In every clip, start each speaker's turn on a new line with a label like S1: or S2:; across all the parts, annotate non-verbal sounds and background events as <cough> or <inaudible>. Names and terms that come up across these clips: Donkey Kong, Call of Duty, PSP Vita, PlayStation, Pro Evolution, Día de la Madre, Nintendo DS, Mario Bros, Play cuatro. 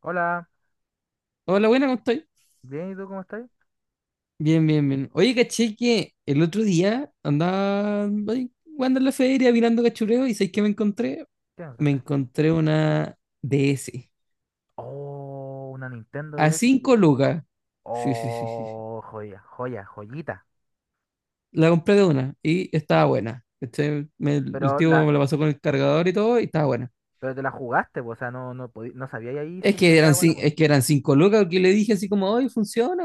S1: Hola,
S2: Hola, buena, ¿cómo estáis?
S1: bien, ¿y tú cómo estás?
S2: Bien, bien, bien. Oye, caché que el otro día andaba ahí jugando en la feria, mirando cachureo, y ¿sabéis qué me encontré?
S1: ¿Qué
S2: Me
S1: encontraste?
S2: encontré una DS
S1: Oh, una Nintendo
S2: a
S1: DS.
S2: 5 lucas. Sí, sí, sí, sí, sí.
S1: Oh, joya, joya, joyita.
S2: La compré de una y estaba buena. El
S1: Pero
S2: tío
S1: la,
S2: me la pasó con el cargador y todo, y estaba buena.
S1: pero te la jugaste, po, o sea, no, no sabía ahí si
S2: Es
S1: es que
S2: que
S1: estaba
S2: eran,
S1: bueno <laughs> o
S2: cin-
S1: no,
S2: es que eran 5 lucas que le dije así como, hoy funciona,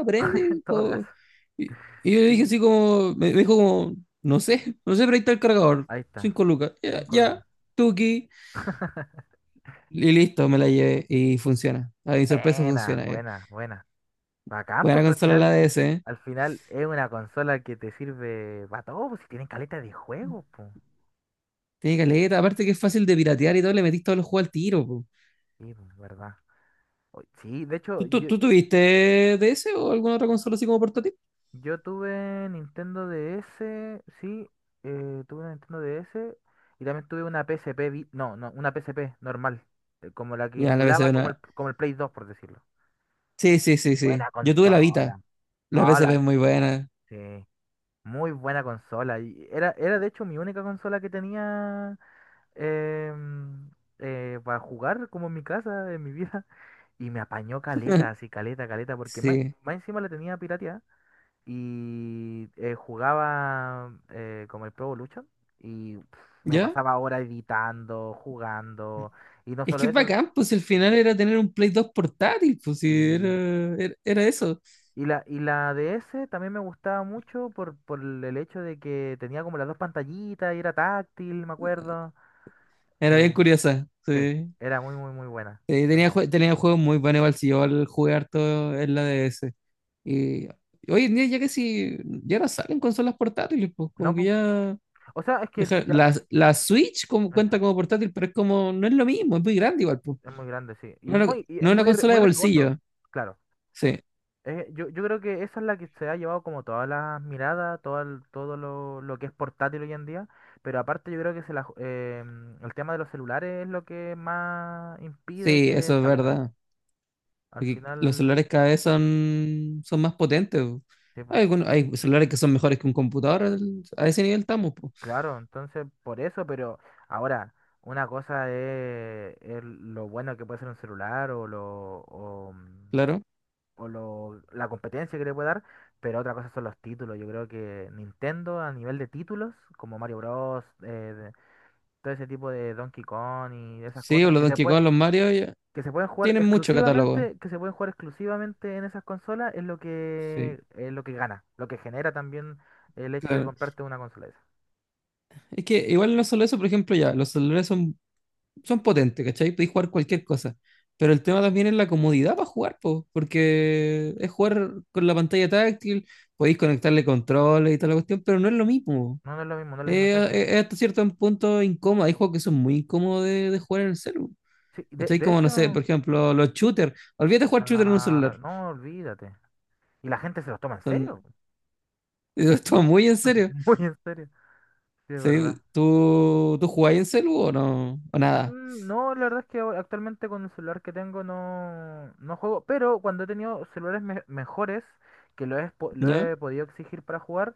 S1: en
S2: aprende.
S1: todo caso.
S2: Y yo le
S1: Sí,
S2: dije
S1: po.
S2: así como, me dijo como, no sé, no sé, pero ahí está el cargador.
S1: Ahí está,
S2: 5 lucas. Ya,
S1: 5
S2: ya,
S1: lucas.
S2: tuki.
S1: <laughs>
S2: Y listo, me la llevé y funciona. A mi sorpresa
S1: Buena,
S2: funciona.
S1: buena, buena. Bacán,
S2: Buena
S1: porque al
S2: consola la
S1: final,
S2: DS, ¿eh?
S1: al final es una consola que te sirve para todo, pues si tienen caleta de juegos, pues.
S2: Tiene caleta. Aparte que es fácil de piratear y todo, le metís todos los juegos al tiro, po.
S1: Sí, pues, verdad. Oy, sí, de hecho,
S2: ¿Tú, tú,
S1: yo,
S2: tú tuviste DS o alguna otra consola así como portátil?
S1: Yo tuve Nintendo DS, sí, tuve una Nintendo DS y también tuve una PSP, no, no, una PSP normal, como la que
S2: Ya, la
S1: emulaba
S2: PSP,
S1: como el,
S2: no.
S1: como el Play 2, por decirlo.
S2: Sí, sí, sí, sí.
S1: Buena
S2: Yo tuve la Vita.
S1: consola.
S2: La PSP
S1: Hola,
S2: es muy buena.
S1: sí, muy buena consola. Y era de hecho mi única consola que tenía em, para jugar como en mi casa, en mi vida. Y me apañó caleta, así caleta, caleta, porque más,
S2: Sí.
S1: más encima la tenía pirateada. Y jugaba como el Pro Evolution y me
S2: ¿Ya?
S1: pasaba horas editando, jugando y no
S2: Es
S1: solo
S2: que es
S1: eso,
S2: bacán, pues el final
S1: sí,
S2: era tener un Play 2 portátil, pues sí, era,
S1: sí.
S2: era, era eso.
S1: Y la DS también me gustaba mucho por el hecho de que tenía como las dos pantallitas y era táctil, me acuerdo.
S2: Era bien
S1: Eh,
S2: curiosa,
S1: sí,
S2: sí.
S1: era muy, muy, muy buena.
S2: Sí,
S1: Muy-
S2: tenía juegos muy buenos, igual si yo al jugar todo en la DS. Y hoy en día ya que si ya no salen consolas portátiles, pues
S1: No,
S2: como que
S1: po.
S2: ya.
S1: O sea, es que
S2: deja-
S1: ya,
S2: la, la Switch como,
S1: eso,
S2: cuenta como portátil, pero es como, no es lo mismo, es muy grande igual, pues.
S1: es muy grande, sí.
S2: No,
S1: Y, no, y
S2: no
S1: es
S2: es una
S1: muy,
S2: consola de
S1: muy riesgoso,
S2: bolsillo.
S1: claro.
S2: Sí,
S1: Yo creo que esa es la que se ha llevado como todas las miradas, todo, todo lo que es portátil hoy en día, pero aparte yo creo que se la ju- mm, el tema de los celulares es lo que más impide
S2: sí,
S1: que
S2: eso es
S1: salgan.
S2: verdad.
S1: Al
S2: Porque los
S1: final,
S2: celulares cada vez son más potentes, po.
S1: sí, po,
S2: Hay celulares que son mejores que un computador. A ese nivel estamos, po.
S1: claro, entonces por eso, pero ahora, una cosa es lo bueno que puede ser un celular o, lo, o, mm,
S2: Claro.
S1: o lo, la competencia que le puede dar. Pero otra cosa son los títulos. Yo creo que Nintendo a nivel de títulos, como Mario Bros., todo ese tipo de Donkey Kong y esas
S2: Sí, o
S1: cosas
S2: los
S1: que se
S2: Donkey
S1: pueden
S2: Kong, los Mario, ya,
S1: que se pueden jugar
S2: tienen mucho catálogo.
S1: exclusivamente, que se pueden jugar exclusivamente en esas consolas es lo
S2: Sí,
S1: que es lo que gana, lo que genera también el hecho de
S2: claro.
S1: comprarte una consola de esas.
S2: Es que igual no solo eso, por ejemplo, ya, los celulares son potentes, ¿cachai? Podéis jugar cualquier cosa. Pero el tema también es la comodidad para jugar, po, porque es jugar con la pantalla táctil, podéis conectarle controles y toda la cuestión, pero no es lo mismo.
S1: No, no es lo mismo, no es la misma
S2: Eh,
S1: esencia.
S2: Hasta cierto punto incómodo. Hay juegos que son muy incómodos de jugar en el celular.
S1: Sí, de,
S2: Estoy
S1: de
S2: como, no
S1: hecho,
S2: sé, por ejemplo, los shooters. Olvídate de jugar shooter en un
S1: ah,
S2: celular.
S1: no, olvídate. Y la gente se los toma en serio,
S2: Son, <laughs> Esto muy en
S1: <laughs>
S2: serio.
S1: muy en serio. Sí, es
S2: Sí,
S1: verdad.
S2: ¿tú jugáis en celu o no? O nada.
S1: No, la verdad es que actualmente con el celular que tengo no, no juego, pero cuando he tenido celulares mejores que lo he, lo
S2: ¿Ya?
S1: he podido exigir para jugar,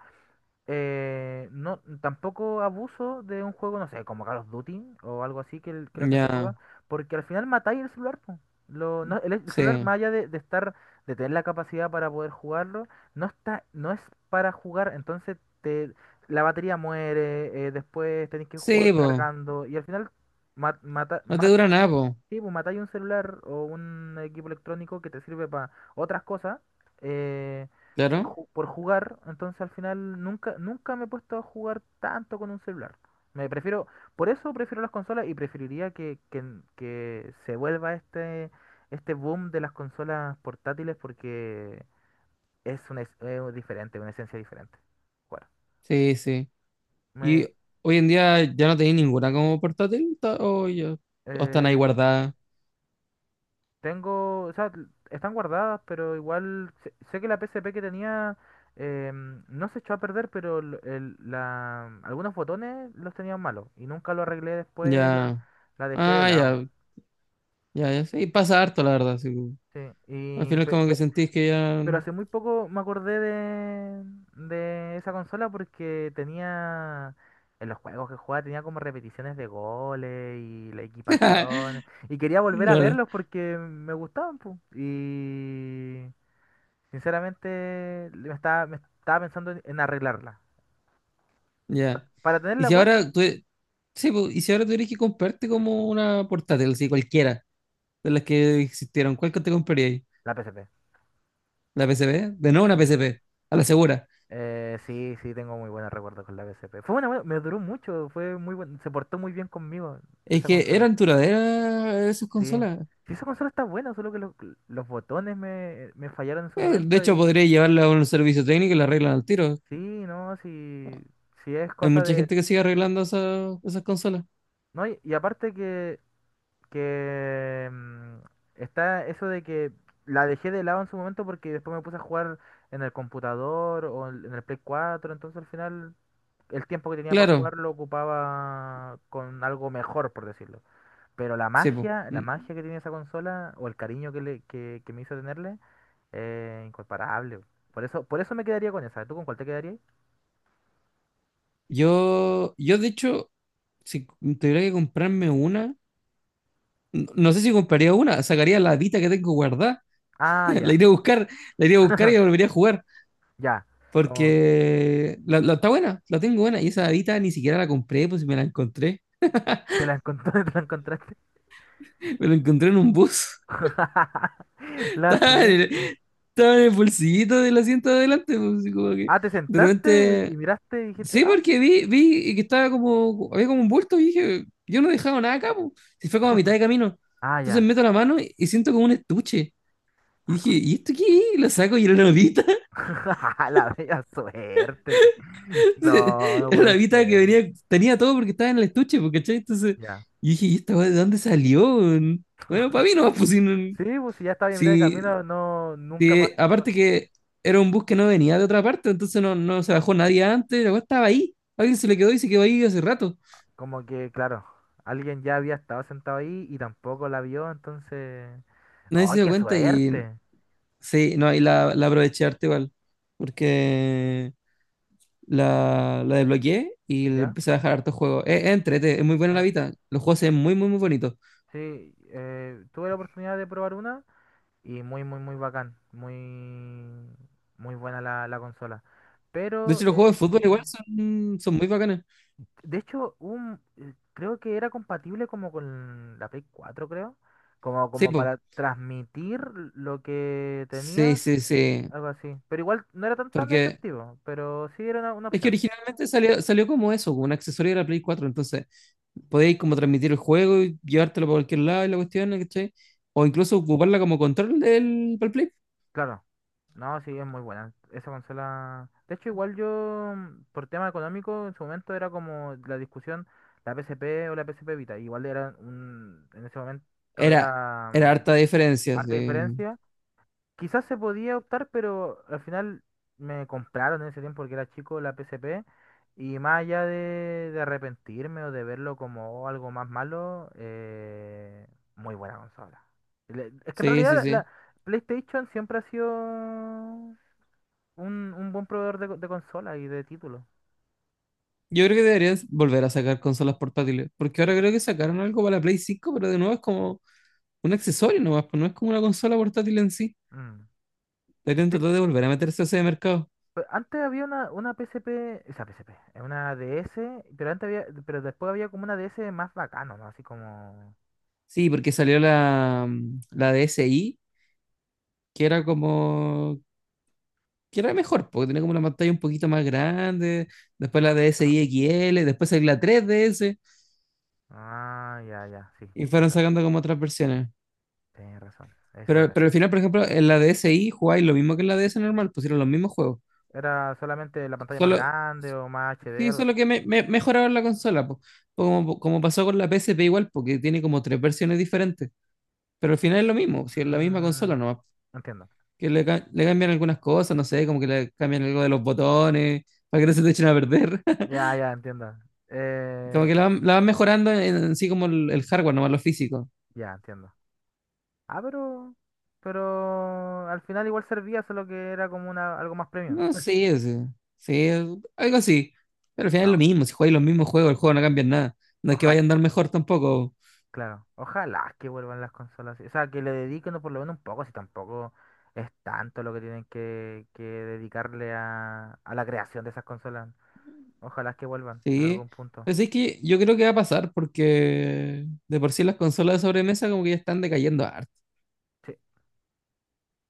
S1: no, tampoco abuso de un juego, no sé, como Call of Duty o algo así que, que la gente
S2: Ya.
S1: juega, porque al final matáis el celular, po. El celular,
S2: Sí.
S1: más allá de estar, de tener la capacidad para poder jugarlo, no está, no es para jugar, entonces la batería muere, después tenéis que
S2: Sí,
S1: jugar
S2: po.
S1: cargando, y al final ma- mata-
S2: No te
S1: matas
S2: dura nada, po.
S1: Sí, pues matáis un celular o un equipo electrónico que te sirve para otras cosas, eh, por,
S2: Claro.
S1: ju- por jugar. Entonces al final nunca, nunca me he puesto a jugar tanto con un celular. Me prefiero, por eso prefiero las consolas y preferiría que se vuelva este boom de las consolas portátiles porque es diferente, una esencia diferente. Bueno,
S2: Sí, sí. Y
S1: me,
S2: hoy en día ya no tenéis ninguna como portátil. O, ya, o están ahí
S1: eh,
S2: guardadas.
S1: tengo, o sea, están guardadas, pero igual sé que la PSP que tenía no se echó a perder, pero algunos botones los tenían malos y nunca lo arreglé después, la,
S2: Ya.
S1: la dejé de
S2: Ah,
S1: lado.
S2: ya. Ya, ya. Sí, pasa harto, la verdad, sí.
S1: Sí,
S2: Al
S1: y,
S2: final
S1: pe-
S2: como que
S1: pe-
S2: sentís que ya.
S1: pero hace muy poco me acordé de esa consola porque tenía, en los juegos que jugaba, tenía como repeticiones de goles y la
S2: <laughs>
S1: equipación. Y quería volver a
S2: Claro,
S1: verlos porque me gustaban, pu. Sinceramente, me estaba pensando en arreglarla.
S2: ya.
S1: Para
S2: Y
S1: tenerla
S2: si
S1: buena,
S2: ahora tú. Sí, po, y si ahora tuvieras que comprarte como una portátil, así cualquiera de las que existieron, ¿cuál que te comprarías?
S1: la PSP.
S2: ¿La PSP? De nuevo una
S1: Sí.
S2: PSP, a la segura.
S1: Sí, sí, tengo muy buenos recuerdos con la PSP. Fue una buena, me duró mucho, se portó muy bien conmigo
S2: Es
S1: esa
S2: que
S1: consola.
S2: eran duraderas esas
S1: Sí.
S2: consolas.
S1: Sí, esa consola está buena, solo que los botones me fallaron en su
S2: De
S1: momento
S2: hecho,
S1: y
S2: podría llevarla a un servicio técnico y la arreglan al tiro.
S1: sí, no, sí, sí es
S2: Hay
S1: cosa
S2: mucha
S1: de.
S2: gente que sigue arreglando esas consolas.
S1: No, y aparte que está eso de que la dejé de lado en su momento porque después me puse a jugar en el computador o en el Play 4, entonces al final el tiempo que tenía para
S2: Claro,
S1: jugar lo ocupaba con algo mejor, por decirlo. Pero
S2: sí, po.
S1: la
S2: Mm.
S1: magia que tiene esa consola o el cariño que me hizo tenerle, incomparable. Por eso me quedaría con esa. ¿Tú con cuál te quedarías?
S2: Yo de hecho, si tuviera que comprarme una, no sé si compraría una, sacaría la Vita que tengo guardada,
S1: Ah,
S2: <laughs> la
S1: ya,
S2: iría a buscar, la iría a buscar y la volvería a jugar,
S1: ya. Con...
S2: porque está buena, la tengo buena, y esa Vita ni siquiera la compré, pues si me la encontré,
S1: ¿Te la <laughs> te la encontraste?
S2: me la encontré en un bus,
S1: <laughs>
S2: <laughs>
S1: La
S2: estaba en
S1: suerte.
S2: el, estaba en el bolsillito del asiento de adelante, pues, y como que
S1: Ah, te
S2: de
S1: sentaste y
S2: repente,
S1: miraste y dijiste,
S2: sí,
S1: ah,
S2: porque vi que estaba como, había como un bulto y dije, yo no he dejado nada acá, pues, si fue como a mitad de camino,
S1: ah,
S2: entonces
S1: ya.
S2: meto la mano y siento como un estuche, y
S1: Ah,
S2: dije, ¿y esto qué es? Y lo saco y era una Vita.
S1: <laughs> La bella suerte. No,
S2: <laughs>
S1: no
S2: Era la
S1: puede
S2: Vita que
S1: ser.
S2: venía, tenía todo porque estaba en el estuche, porque ¿cachai? Entonces, yo
S1: Ya.
S2: dije, ¿y esta weá de dónde salió? Bueno, para mí no, pues
S1: Sí, pues si ya estaba en mitad de
S2: si,
S1: camino, no, nunca más.
S2: si, aparte que era un bus que no venía de otra parte, entonces no se bajó nadie antes, la weá estaba ahí. Alguien se le quedó y se quedó ahí hace rato.
S1: Como que, claro, alguien ya había estado sentado ahí y tampoco la vio, entonces.
S2: Nadie se
S1: ¡Ay,
S2: dio
S1: qué
S2: cuenta y
S1: suerte!
S2: sí, no, y la aproveché harto igual, porque la desbloqueé y le
S1: ¿Ya?
S2: empecé a dejar hartos juegos. Es muy buena la
S1: eh,
S2: Vita, los juegos se ven muy, muy, muy bonitos.
S1: sí, tuve la oportunidad de probar una y muy, muy, muy bacán. Muy, muy buena la consola.
S2: De
S1: Pero
S2: hecho, los juegos
S1: eh,
S2: de fútbol igual son muy bacanas.
S1: De hecho, creo que era compatible como con la Play 4, creo. Como,
S2: Sí,
S1: como
S2: po.
S1: para transmitir lo que
S2: Sí,
S1: tenías,
S2: sí, sí.
S1: algo así. Pero igual no era tan
S2: Porque
S1: efectivo, pero sí era una
S2: es que
S1: opción.
S2: originalmente salió como eso, como un accesorio de la Play 4. Entonces, podéis como transmitir el juego y llevártelo para cualquier lado y la cuestión, ¿cachai? O incluso ocuparla como control del para el Play.
S1: Claro. No, sí, es muy buena. Esa consola. De hecho, igual por tema económico, en su momento era como la discusión, la PSP o la PSP Vita. En ese momento
S2: Era,
S1: era
S2: era harta diferencia,
S1: harta
S2: sí.
S1: diferencia. Quizás se podía optar, pero al final me compraron en ese tiempo porque era chico la PSP y más allá de, arrepentirme o de verlo como algo más malo, muy buena consola. Es que en
S2: Sí,
S1: realidad
S2: sí,
S1: la
S2: sí.
S1: la PlayStation siempre ha sido un buen proveedor de consola y de títulos.
S2: Yo creo que deberían volver a sacar consolas portátiles. Porque
S1: Sí.
S2: ahora creo que sacaron algo para la Play 5, pero de nuevo es como un accesorio nomás, pues no es como una consola portátil en sí.
S1: Mm.
S2: Deberían
S1: De hecho,
S2: tratar de volver a meterse a ese mercado.
S1: antes había una P S P una DS, pero después había como una DS más bacano, ¿no? Así como.
S2: Sí, porque salió la DSi, que era mejor, porque tenía como una pantalla un poquito más grande, después la
S1: Ah.
S2: DSi XL, después salió la 3DS,
S1: Ah, ya, ya, sí,
S2: y fueron
S1: esa,
S2: sacando como otras versiones.
S1: tenés razón, esa
S2: Pero,
S1: era.
S2: pero al final, por ejemplo, en la DSi jugáis lo mismo que en la DS normal, pusieron los mismos juegos.
S1: ¿Era solamente la pantalla más
S2: Solo,
S1: grande o más HD,
S2: sí,
S1: algo así?
S2: solo que mejoraron la consola, po. Como pasó con la PSP igual, porque tiene como tres versiones diferentes, pero al final es lo mismo, si es la misma consola
S1: Mm,
S2: nomás.
S1: Entiendo.
S2: Que le cambian algunas cosas, no sé, como que le cambian algo de los botones, para que no se te echen a perder.
S1: Ya,
S2: <laughs>
S1: ya, entiendo.
S2: Como que
S1: Eh,
S2: la van mejorando en sí como el hardware, nomás lo físico.
S1: ya, entiendo. Ah, pero al final igual servía, solo que era como algo más premium.
S2: No,
S1: <laughs>
S2: sé, sí, sí, algo así. Pero al final es
S1: No,
S2: lo mismo, si juegas los mismos juegos, el juego no cambia en nada. No es que
S1: ojalá,
S2: vaya a andar mejor tampoco.
S1: claro, ojalá que vuelvan las consolas. O sea, que le dediquen por lo menos un poco, si tampoco es tanto lo que tienen que dedicarle a la creación de esas consolas. Ojalá que vuelvan en
S2: Sí.
S1: algún punto.
S2: Pues es que yo creo que va a pasar porque de por sí las consolas de sobremesa como que ya están decayendo harto.
S1: Sí.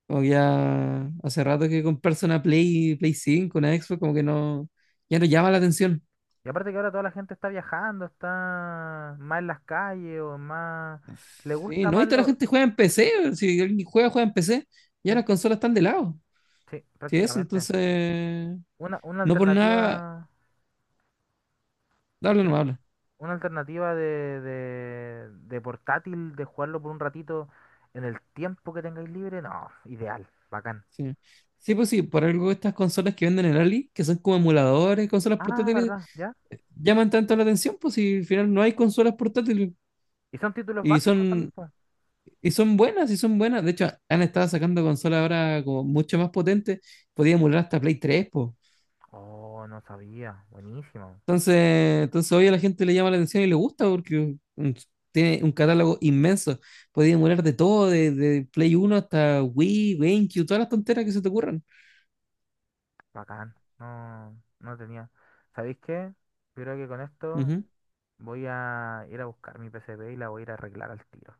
S2: Como que ya hace rato que comprarse una Play cinco, una Xbox, como que no, ya no llama la atención.
S1: Y aparte que ahora toda la gente está viajando, está más en las calles o más. Le
S2: Sí,
S1: gusta
S2: no, y
S1: más
S2: toda la
S1: lo.
S2: gente juega en PC. Si alguien juega, juega en PC.
S1: Sí,
S2: Ya las consolas están de lado.
S1: sí,
S2: Sí, eso,
S1: prácticamente.
S2: entonces.
S1: Una, una
S2: No por nada.
S1: alternativa,
S2: Habla, no habla.
S1: una alternativa de portátil, de jugarlo por un ratito en el tiempo que tengáis libre, no, ideal, bacán.
S2: Sí. Sí, pues sí, por algo estas consolas que venden en Ali, que son como emuladores, consolas
S1: Ah,
S2: portátiles,
S1: ¿verdad? ¿Ya?
S2: llaman tanto la atención, pues si al final no hay consolas portátiles.
S1: ¿Y son títulos
S2: Y
S1: básicos también,
S2: son,
S1: po?
S2: y son buenas, y son buenas. De hecho, han estado sacando consolas ahora como mucho más potentes. Podía emular hasta Play 3, pues.
S1: Oh, no sabía. Buenísimo.
S2: Entonces, entonces, hoy a la gente le llama la atención y le gusta porque tiene un catálogo inmenso. Podéis emular de todo, de Play 1 hasta Wii, GameCube, todas las tonteras que se te ocurran.
S1: Bacán. No, no tenía. ¿Sabéis qué? Yo creo que con esto
S2: Ujú.
S1: voy a ir a buscar mi PCB y la voy a ir a arreglar al tiro.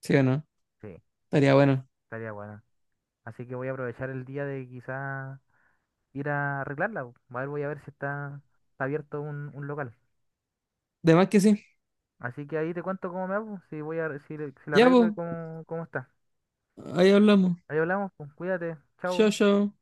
S2: ¿Sí o no?
S1: Sí,
S2: Estaría bueno.
S1: estaría buena. Así que voy a aprovechar el día de quizá ir a arreglarla, po. A ver, voy a ver si está abierto un local.
S2: De más que sí.
S1: Así que ahí te cuento cómo me hago, si si la
S2: Ya,
S1: arreglo
S2: pues,
S1: y cómo está.
S2: ahí hablamos.
S1: Ahí hablamos, pues, cuídate, chao.
S2: Chao, chao.